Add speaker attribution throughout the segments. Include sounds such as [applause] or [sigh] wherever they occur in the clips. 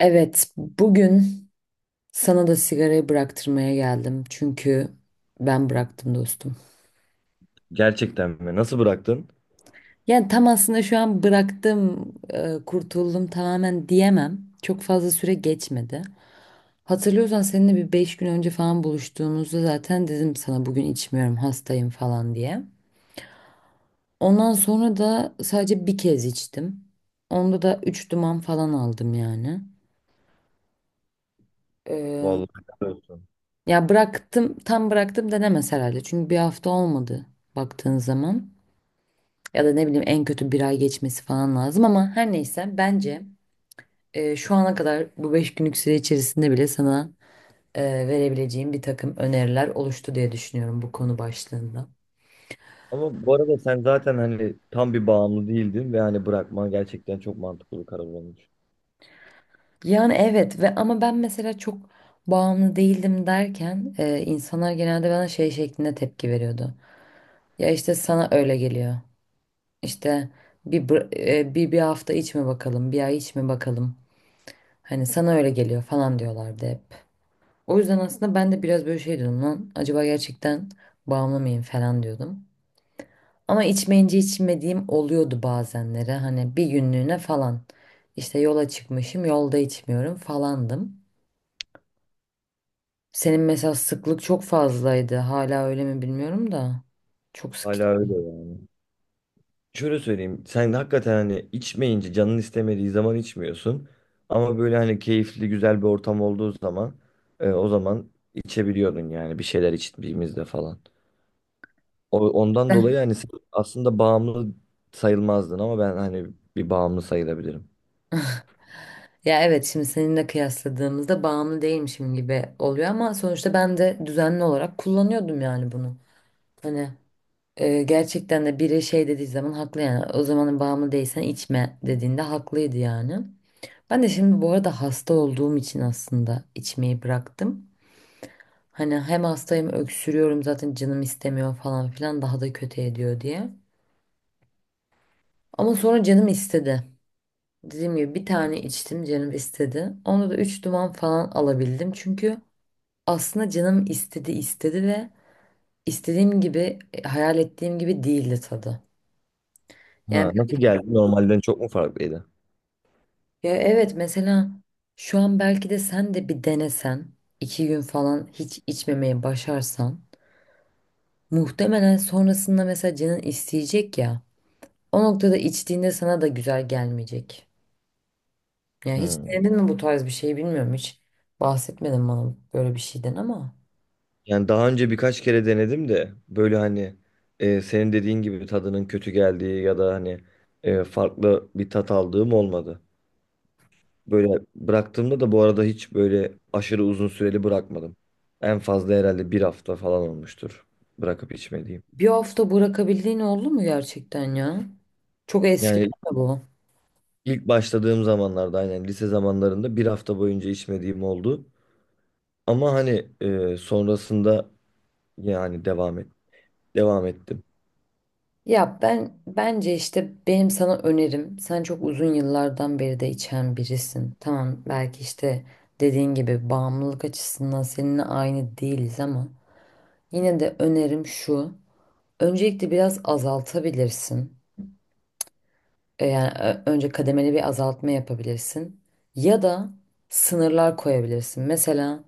Speaker 1: Evet, bugün sana da sigarayı bıraktırmaya geldim. Çünkü ben bıraktım dostum.
Speaker 2: Gerçekten mi? Nasıl bıraktın?
Speaker 1: Yani tam aslında şu an bıraktım, kurtuldum tamamen diyemem. Çok fazla süre geçmedi. Hatırlıyorsan seninle bir 5 gün önce falan buluştuğumuzda zaten dedim sana, bugün içmiyorum, hastayım falan diye. Ondan sonra da sadece bir kez içtim. Onda da 3 duman falan aldım yani.
Speaker 2: Vallahi helal olsun.
Speaker 1: Ya bıraktım, tam bıraktım denemez herhalde. Çünkü bir hafta olmadı baktığın zaman. Ya da ne bileyim, en kötü bir ay geçmesi falan lazım ama her neyse, bence şu ana kadar bu 5 günlük süre içerisinde bile sana e, verebileceğim bir takım öneriler oluştu diye düşünüyorum bu konu başlığında.
Speaker 2: Ama bu arada sen zaten hani tam bir bağımlı değildin ve hani bırakman gerçekten çok mantıklı bir karar olmuş.
Speaker 1: Yani evet ve ama ben mesela çok bağımlı değildim derken insanlar genelde bana şey şeklinde tepki veriyordu. Ya işte sana öyle geliyor. İşte bir hafta içme bakalım, bir ay içme bakalım. Hani sana öyle geliyor falan diyorlardı hep. O yüzden aslında ben de biraz böyle şey diyordum lan. Acaba gerçekten bağımlı mıyım falan diyordum. Ama içmeyince içmediğim oluyordu bazenleri. Hani bir günlüğüne falan. İşte yola çıkmışım, yolda içmiyorum falandım. Senin mesela sıklık çok fazlaydı. Hala öyle mi bilmiyorum da. Çok sık.
Speaker 2: Hala öyle yani. Şöyle söyleyeyim. Sen hakikaten hani içmeyince canın istemediği zaman içmiyorsun. Ama böyle hani keyifli güzel bir ortam olduğu zaman o zaman içebiliyordun yani bir şeyler içtiğimizde falan. Ondan dolayı
Speaker 1: [laughs]
Speaker 2: hani sen aslında bağımlı sayılmazdın ama ben hani bir bağımlı sayılabilirim.
Speaker 1: Ya evet, şimdi seninle kıyasladığımızda bağımlı değilmişim gibi oluyor ama sonuçta ben de düzenli olarak kullanıyordum yani bunu. Hani gerçekten de biri şey dediği zaman haklı yani, o zamanın bağımlı değilsen içme dediğinde haklıydı yani. Ben de şimdi bu arada hasta olduğum için aslında içmeyi bıraktım. Hani hem hastayım, öksürüyorum, zaten canım istemiyor falan filan, daha da kötü ediyor diye. Ama sonra canım istedi. Dediğim gibi bir tane içtim, canım istedi. Onda da 3 duman falan alabildim, çünkü aslında canım istedi istedi ve istediğim gibi, hayal ettiğim gibi değildi tadı. Yani
Speaker 2: Ha, nasıl geldi? Normalden çok mu farklıydı?
Speaker 1: ya evet, mesela şu an belki de sen de bir denesen, 2 gün falan hiç içmemeye başarsan muhtemelen sonrasında mesela canın isteyecek ya, o noktada içtiğinde sana da güzel gelmeyecek. Yani hiç
Speaker 2: Hmm.
Speaker 1: denedin mi bu tarz bir şey, bilmiyorum, hiç bahsetmedin bana böyle bir şeyden ama
Speaker 2: Yani daha önce birkaç kere denedim de böyle hani senin dediğin gibi tadının kötü geldiği ya da hani farklı bir tat aldığım olmadı. Böyle bıraktığımda da bu arada hiç böyle aşırı uzun süreli bırakmadım. En fazla herhalde bir hafta falan olmuştur bırakıp içmediğim.
Speaker 1: bir hafta bırakabildiğin oldu mu gerçekten ya? Çok eski
Speaker 2: Yani
Speaker 1: değil mi bu?
Speaker 2: ilk başladığım zamanlarda aynen lise zamanlarında bir hafta boyunca içmediğim oldu. Ama hani sonrasında yani devam ettim.
Speaker 1: Ya ben bence işte, benim sana önerim, sen çok uzun yıllardan beri de içen birisin. Tamam, belki işte dediğin gibi bağımlılık açısından seninle aynı değiliz ama yine de önerim şu. Öncelikle biraz azaltabilirsin. Yani önce kademeli bir azaltma yapabilirsin. Ya da sınırlar koyabilirsin. Mesela,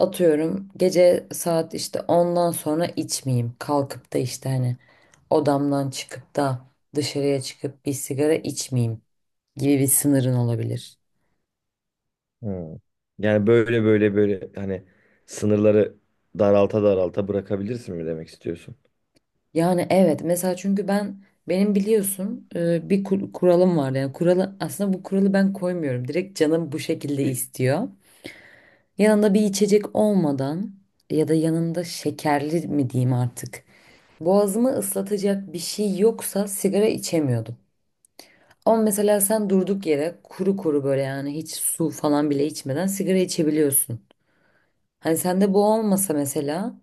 Speaker 1: atıyorum, gece saat işte ondan sonra içmeyeyim. Kalkıp da işte hani odamdan çıkıp da dışarıya çıkıp bir sigara içmeyeyim gibi bir sınırın olabilir.
Speaker 2: Hmm. Yani böyle hani sınırları daralta daralta bırakabilirsin mi demek istiyorsun?
Speaker 1: Yani evet, mesela çünkü benim biliyorsun bir kuralım var, yani kuralı aslında bu kuralı ben koymuyorum. Direkt canım bu şekilde istiyor. Yanında bir içecek olmadan, ya da yanında şekerli mi diyeyim artık, boğazımı ıslatacak bir şey yoksa sigara içemiyordum. Ama mesela sen durduk yere kuru kuru böyle, yani hiç su falan bile içmeden sigara içebiliyorsun. Hani sende bu olmasa mesela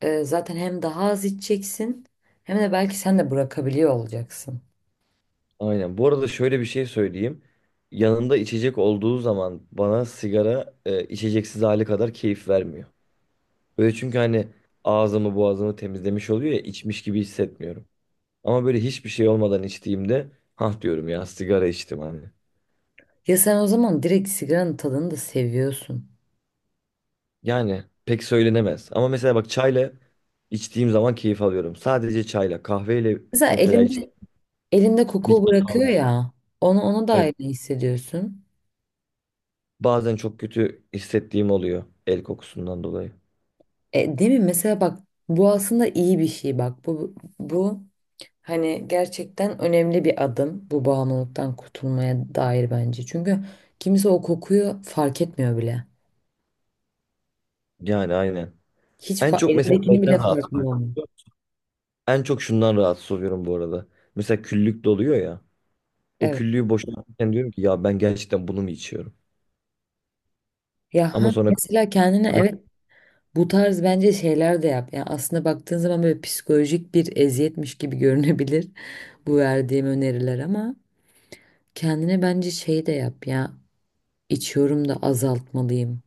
Speaker 1: zaten hem daha az içeceksin hem de belki sen de bırakabiliyor olacaksın.
Speaker 2: Aynen. Bu arada şöyle bir şey söyleyeyim. Yanında içecek olduğu zaman bana sigara içeceksiz hali kadar keyif vermiyor. Böyle çünkü hani ağzımı boğazımı temizlemiş oluyor ya içmiş gibi hissetmiyorum. Ama böyle hiçbir şey olmadan içtiğimde hah diyorum ya sigara içtim hani.
Speaker 1: Ya sen o zaman direkt sigaranın tadını da seviyorsun.
Speaker 2: Yani pek söylenemez. Ama mesela bak çayla içtiğim zaman keyif alıyorum. Sadece çayla kahveyle
Speaker 1: Mesela
Speaker 2: mesela
Speaker 1: elinde koku
Speaker 2: bitki
Speaker 1: bırakıyor
Speaker 2: kalmıyor.
Speaker 1: ya, onu, ona da
Speaker 2: Evet.
Speaker 1: ne hissediyorsun?
Speaker 2: Bazen çok kötü hissettiğim oluyor el kokusundan dolayı.
Speaker 1: Değil mi? Mesela bak, bu aslında iyi bir şey. Bak, bu hani gerçekten önemli bir adım bu, bağımlılıktan kurtulmaya dair bence. Çünkü kimse o kokuyu fark etmiyor bile.
Speaker 2: Yani aynen.
Speaker 1: Hiç
Speaker 2: En çok mesela
Speaker 1: elindekini
Speaker 2: neyden
Speaker 1: bile
Speaker 2: rahatsız
Speaker 1: farkında
Speaker 2: oluyorum?
Speaker 1: olmuyor.
Speaker 2: En çok şundan rahatsız oluyorum bu arada. Mesela küllük doluyor ya. O
Speaker 1: Evet.
Speaker 2: küllüğü boşaltırken diyorum ki ya ben gerçekten bunu mu içiyorum?
Speaker 1: Ya
Speaker 2: Ama
Speaker 1: ha,
Speaker 2: sonra
Speaker 1: mesela kendine,
Speaker 2: [laughs]
Speaker 1: evet, bu tarz bence şeyler de yap. Yani aslında baktığın zaman böyle psikolojik bir eziyetmiş gibi görünebilir [laughs] bu verdiğim öneriler, ama kendine bence şey de yap ya. İçiyorum da azaltmalıyım.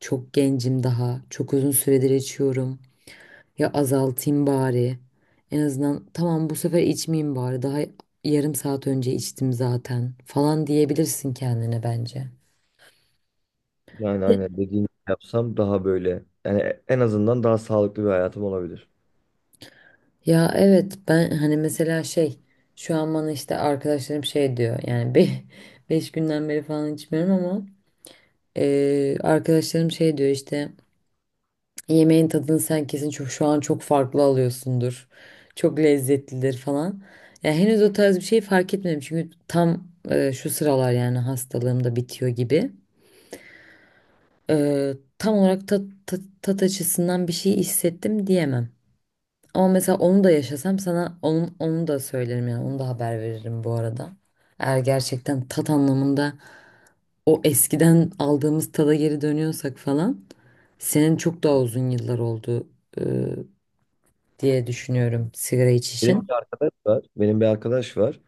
Speaker 1: Çok gencim daha. Çok uzun süredir içiyorum. Ya azaltayım bari. En azından tamam, bu sefer içmeyeyim bari. Daha yarım saat önce içtim zaten falan diyebilirsin kendine bence.
Speaker 2: yani aynen dediğini yapsam daha böyle yani en azından daha sağlıklı bir hayatım olabilir.
Speaker 1: Ya evet, ben hani mesela şey, şu an bana işte arkadaşlarım şey diyor yani, [laughs] 5 günden beri falan içmiyorum ama arkadaşlarım şey diyor işte. Yemeğin tadını sen kesin çok, şu an çok farklı alıyorsundur. Çok lezzetlidir falan. Ya henüz o tarz bir şey fark etmedim çünkü tam, şu sıralar yani hastalığım da bitiyor gibi. Tam olarak tat, açısından bir şey hissettim diyemem. Ama mesela onu da yaşasam sana onu da söylerim yani, onu da haber veririm bu arada. Eğer gerçekten tat anlamında o eskiden aldığımız tada geri dönüyorsak falan, senin çok daha uzun yıllar oldu e, diye düşünüyorum sigara içişin.
Speaker 2: Benim bir arkadaş var.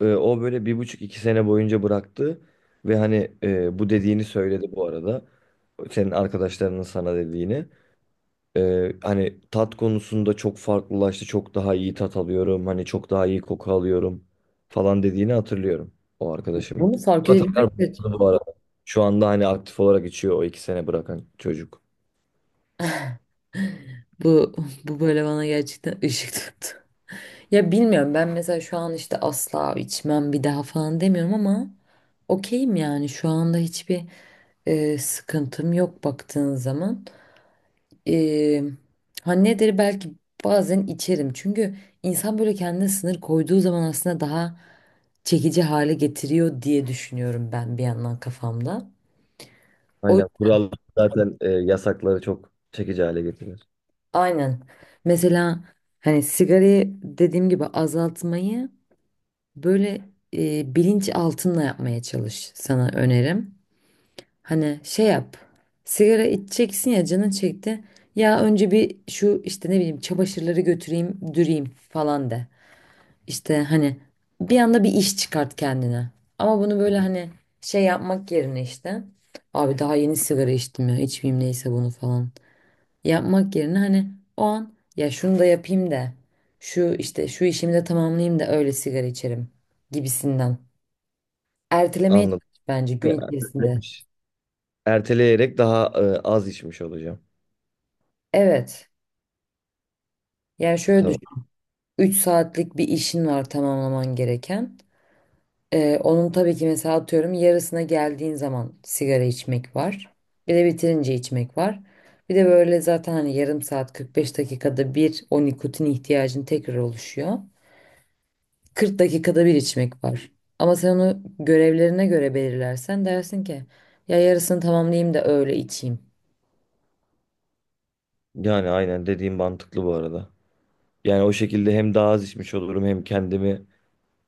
Speaker 2: E, o böyle bir buçuk iki sene boyunca bıraktı ve hani bu dediğini söyledi bu arada. Senin arkadaşlarının sana dediğini. E, hani tat konusunda çok farklılaştı. Çok daha iyi tat alıyorum. Hani çok daha iyi koku alıyorum falan dediğini hatırlıyorum o arkadaşımın.
Speaker 1: Bunu
Speaker 2: O
Speaker 1: fark
Speaker 2: da tekrar
Speaker 1: edebilmek de,
Speaker 2: başladı bu arada. Şu anda hani aktif olarak içiyor o iki sene bırakan çocuk.
Speaker 1: bu bu böyle, bana gerçekten [laughs] ışık tuttu. Ya bilmiyorum, ben mesela şu an işte asla içmem bir daha falan demiyorum ama okeyim yani, şu anda hiçbir sıkıntım yok baktığın zaman. E, ha nedir, belki bazen içerim, çünkü insan böyle kendine sınır koyduğu zaman aslında daha çekici hale getiriyor diye düşünüyorum ben bir yandan kafamda. O
Speaker 2: Aynen kural zaten yasakları çok çekici hale getirir.
Speaker 1: Aynen. Mesela hani sigarayı, dediğim gibi, azaltmayı böyle bilinç altında yapmaya çalış, sana önerim. Hani şey yap. Sigara içeceksin ya, canın çekti. Ya önce bir, şu işte ne bileyim çamaşırları götüreyim, düreyim falan de. İşte hani bir anda bir iş çıkart kendine. Ama bunu böyle hani şey yapmak yerine işte, abi daha yeni sigara içtim ya, içmeyeyim, neyse bunu falan yapmak yerine hani o an, ya şunu da yapayım da şu işte şu işimi de tamamlayayım da öyle sigara içerim gibisinden. Ertelemeye
Speaker 2: Anladım.
Speaker 1: çalış bence
Speaker 2: E,
Speaker 1: gün içerisinde.
Speaker 2: ertelemiş. Erteleyerek daha az içmiş olacağım.
Speaker 1: Evet. Yani şöyle
Speaker 2: Tamam.
Speaker 1: düşün. 3 saatlik bir işin var, tamamlaman gereken. Onun tabii ki mesela, atıyorum, yarısına geldiğin zaman sigara içmek var. Bir de bitirince içmek var. Bir de böyle zaten hani yarım saat, 45 dakikada bir o nikotin ihtiyacın tekrar oluşuyor. 40 dakikada bir içmek var. Ama sen onu görevlerine göre belirlersen dersin ki ya yarısını tamamlayayım da öyle içeyim.
Speaker 2: Yani aynen dediğim mantıklı bu arada. Yani o şekilde hem daha az içmiş olurum hem kendimi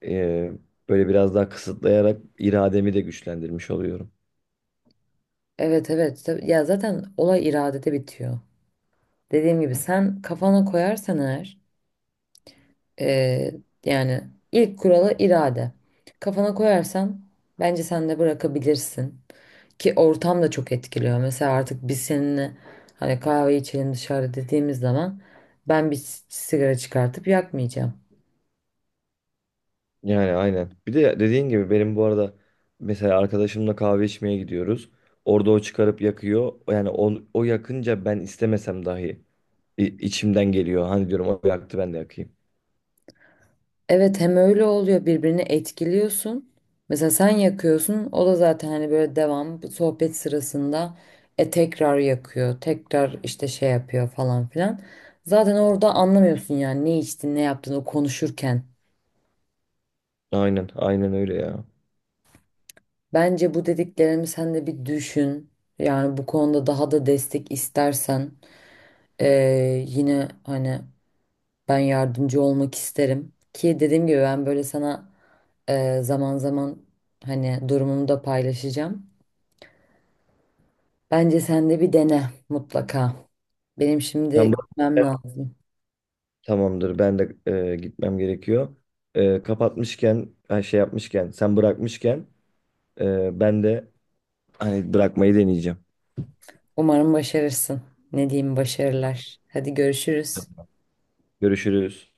Speaker 2: e, böyle biraz daha kısıtlayarak irademi de güçlendirmiş oluyorum.
Speaker 1: Evet, evet. Ya zaten olay iradede bitiyor. Dediğim gibi sen kafana koyarsan eğer, yani ilk kuralı irade. Kafana koyarsan bence sen de bırakabilirsin. Ki ortam da çok etkiliyor. Mesela artık biz seninle hani kahve içelim dışarıda dediğimiz zaman ben bir sigara çıkartıp yakmayacağım.
Speaker 2: Yani aynen. Bir de dediğin gibi benim bu arada mesela arkadaşımla kahve içmeye gidiyoruz. Orada o çıkarıp yakıyor. Yani o yakınca ben istemesem dahi içimden geliyor. Hani diyorum o yaktı ben de yakayım.
Speaker 1: Evet, hem öyle oluyor, birbirini etkiliyorsun. Mesela sen yakıyorsun, o da zaten hani böyle devam bu sohbet sırasında tekrar yakıyor. Tekrar işte şey yapıyor falan filan. Zaten orada anlamıyorsun yani, ne içtin ne yaptın o konuşurken.
Speaker 2: Aynen öyle ya.
Speaker 1: Bence bu dediklerimi sen de bir düşün. Yani bu konuda daha da destek istersen, yine hani ben yardımcı olmak isterim, ki dediğim gibi ben böyle sana zaman zaman hani durumumu da paylaşacağım. Bence sen de bir dene mutlaka. Benim şimdi
Speaker 2: Sen
Speaker 1: gitmem lazım.
Speaker 2: tamamdır. Ben de gitmem gerekiyor. E, kapatmışken, her şey yapmışken, sen bırakmışken ben de hani bırakmayı deneyeceğim.
Speaker 1: Umarım başarırsın. Ne diyeyim, başarılar. Hadi görüşürüz.
Speaker 2: Görüşürüz.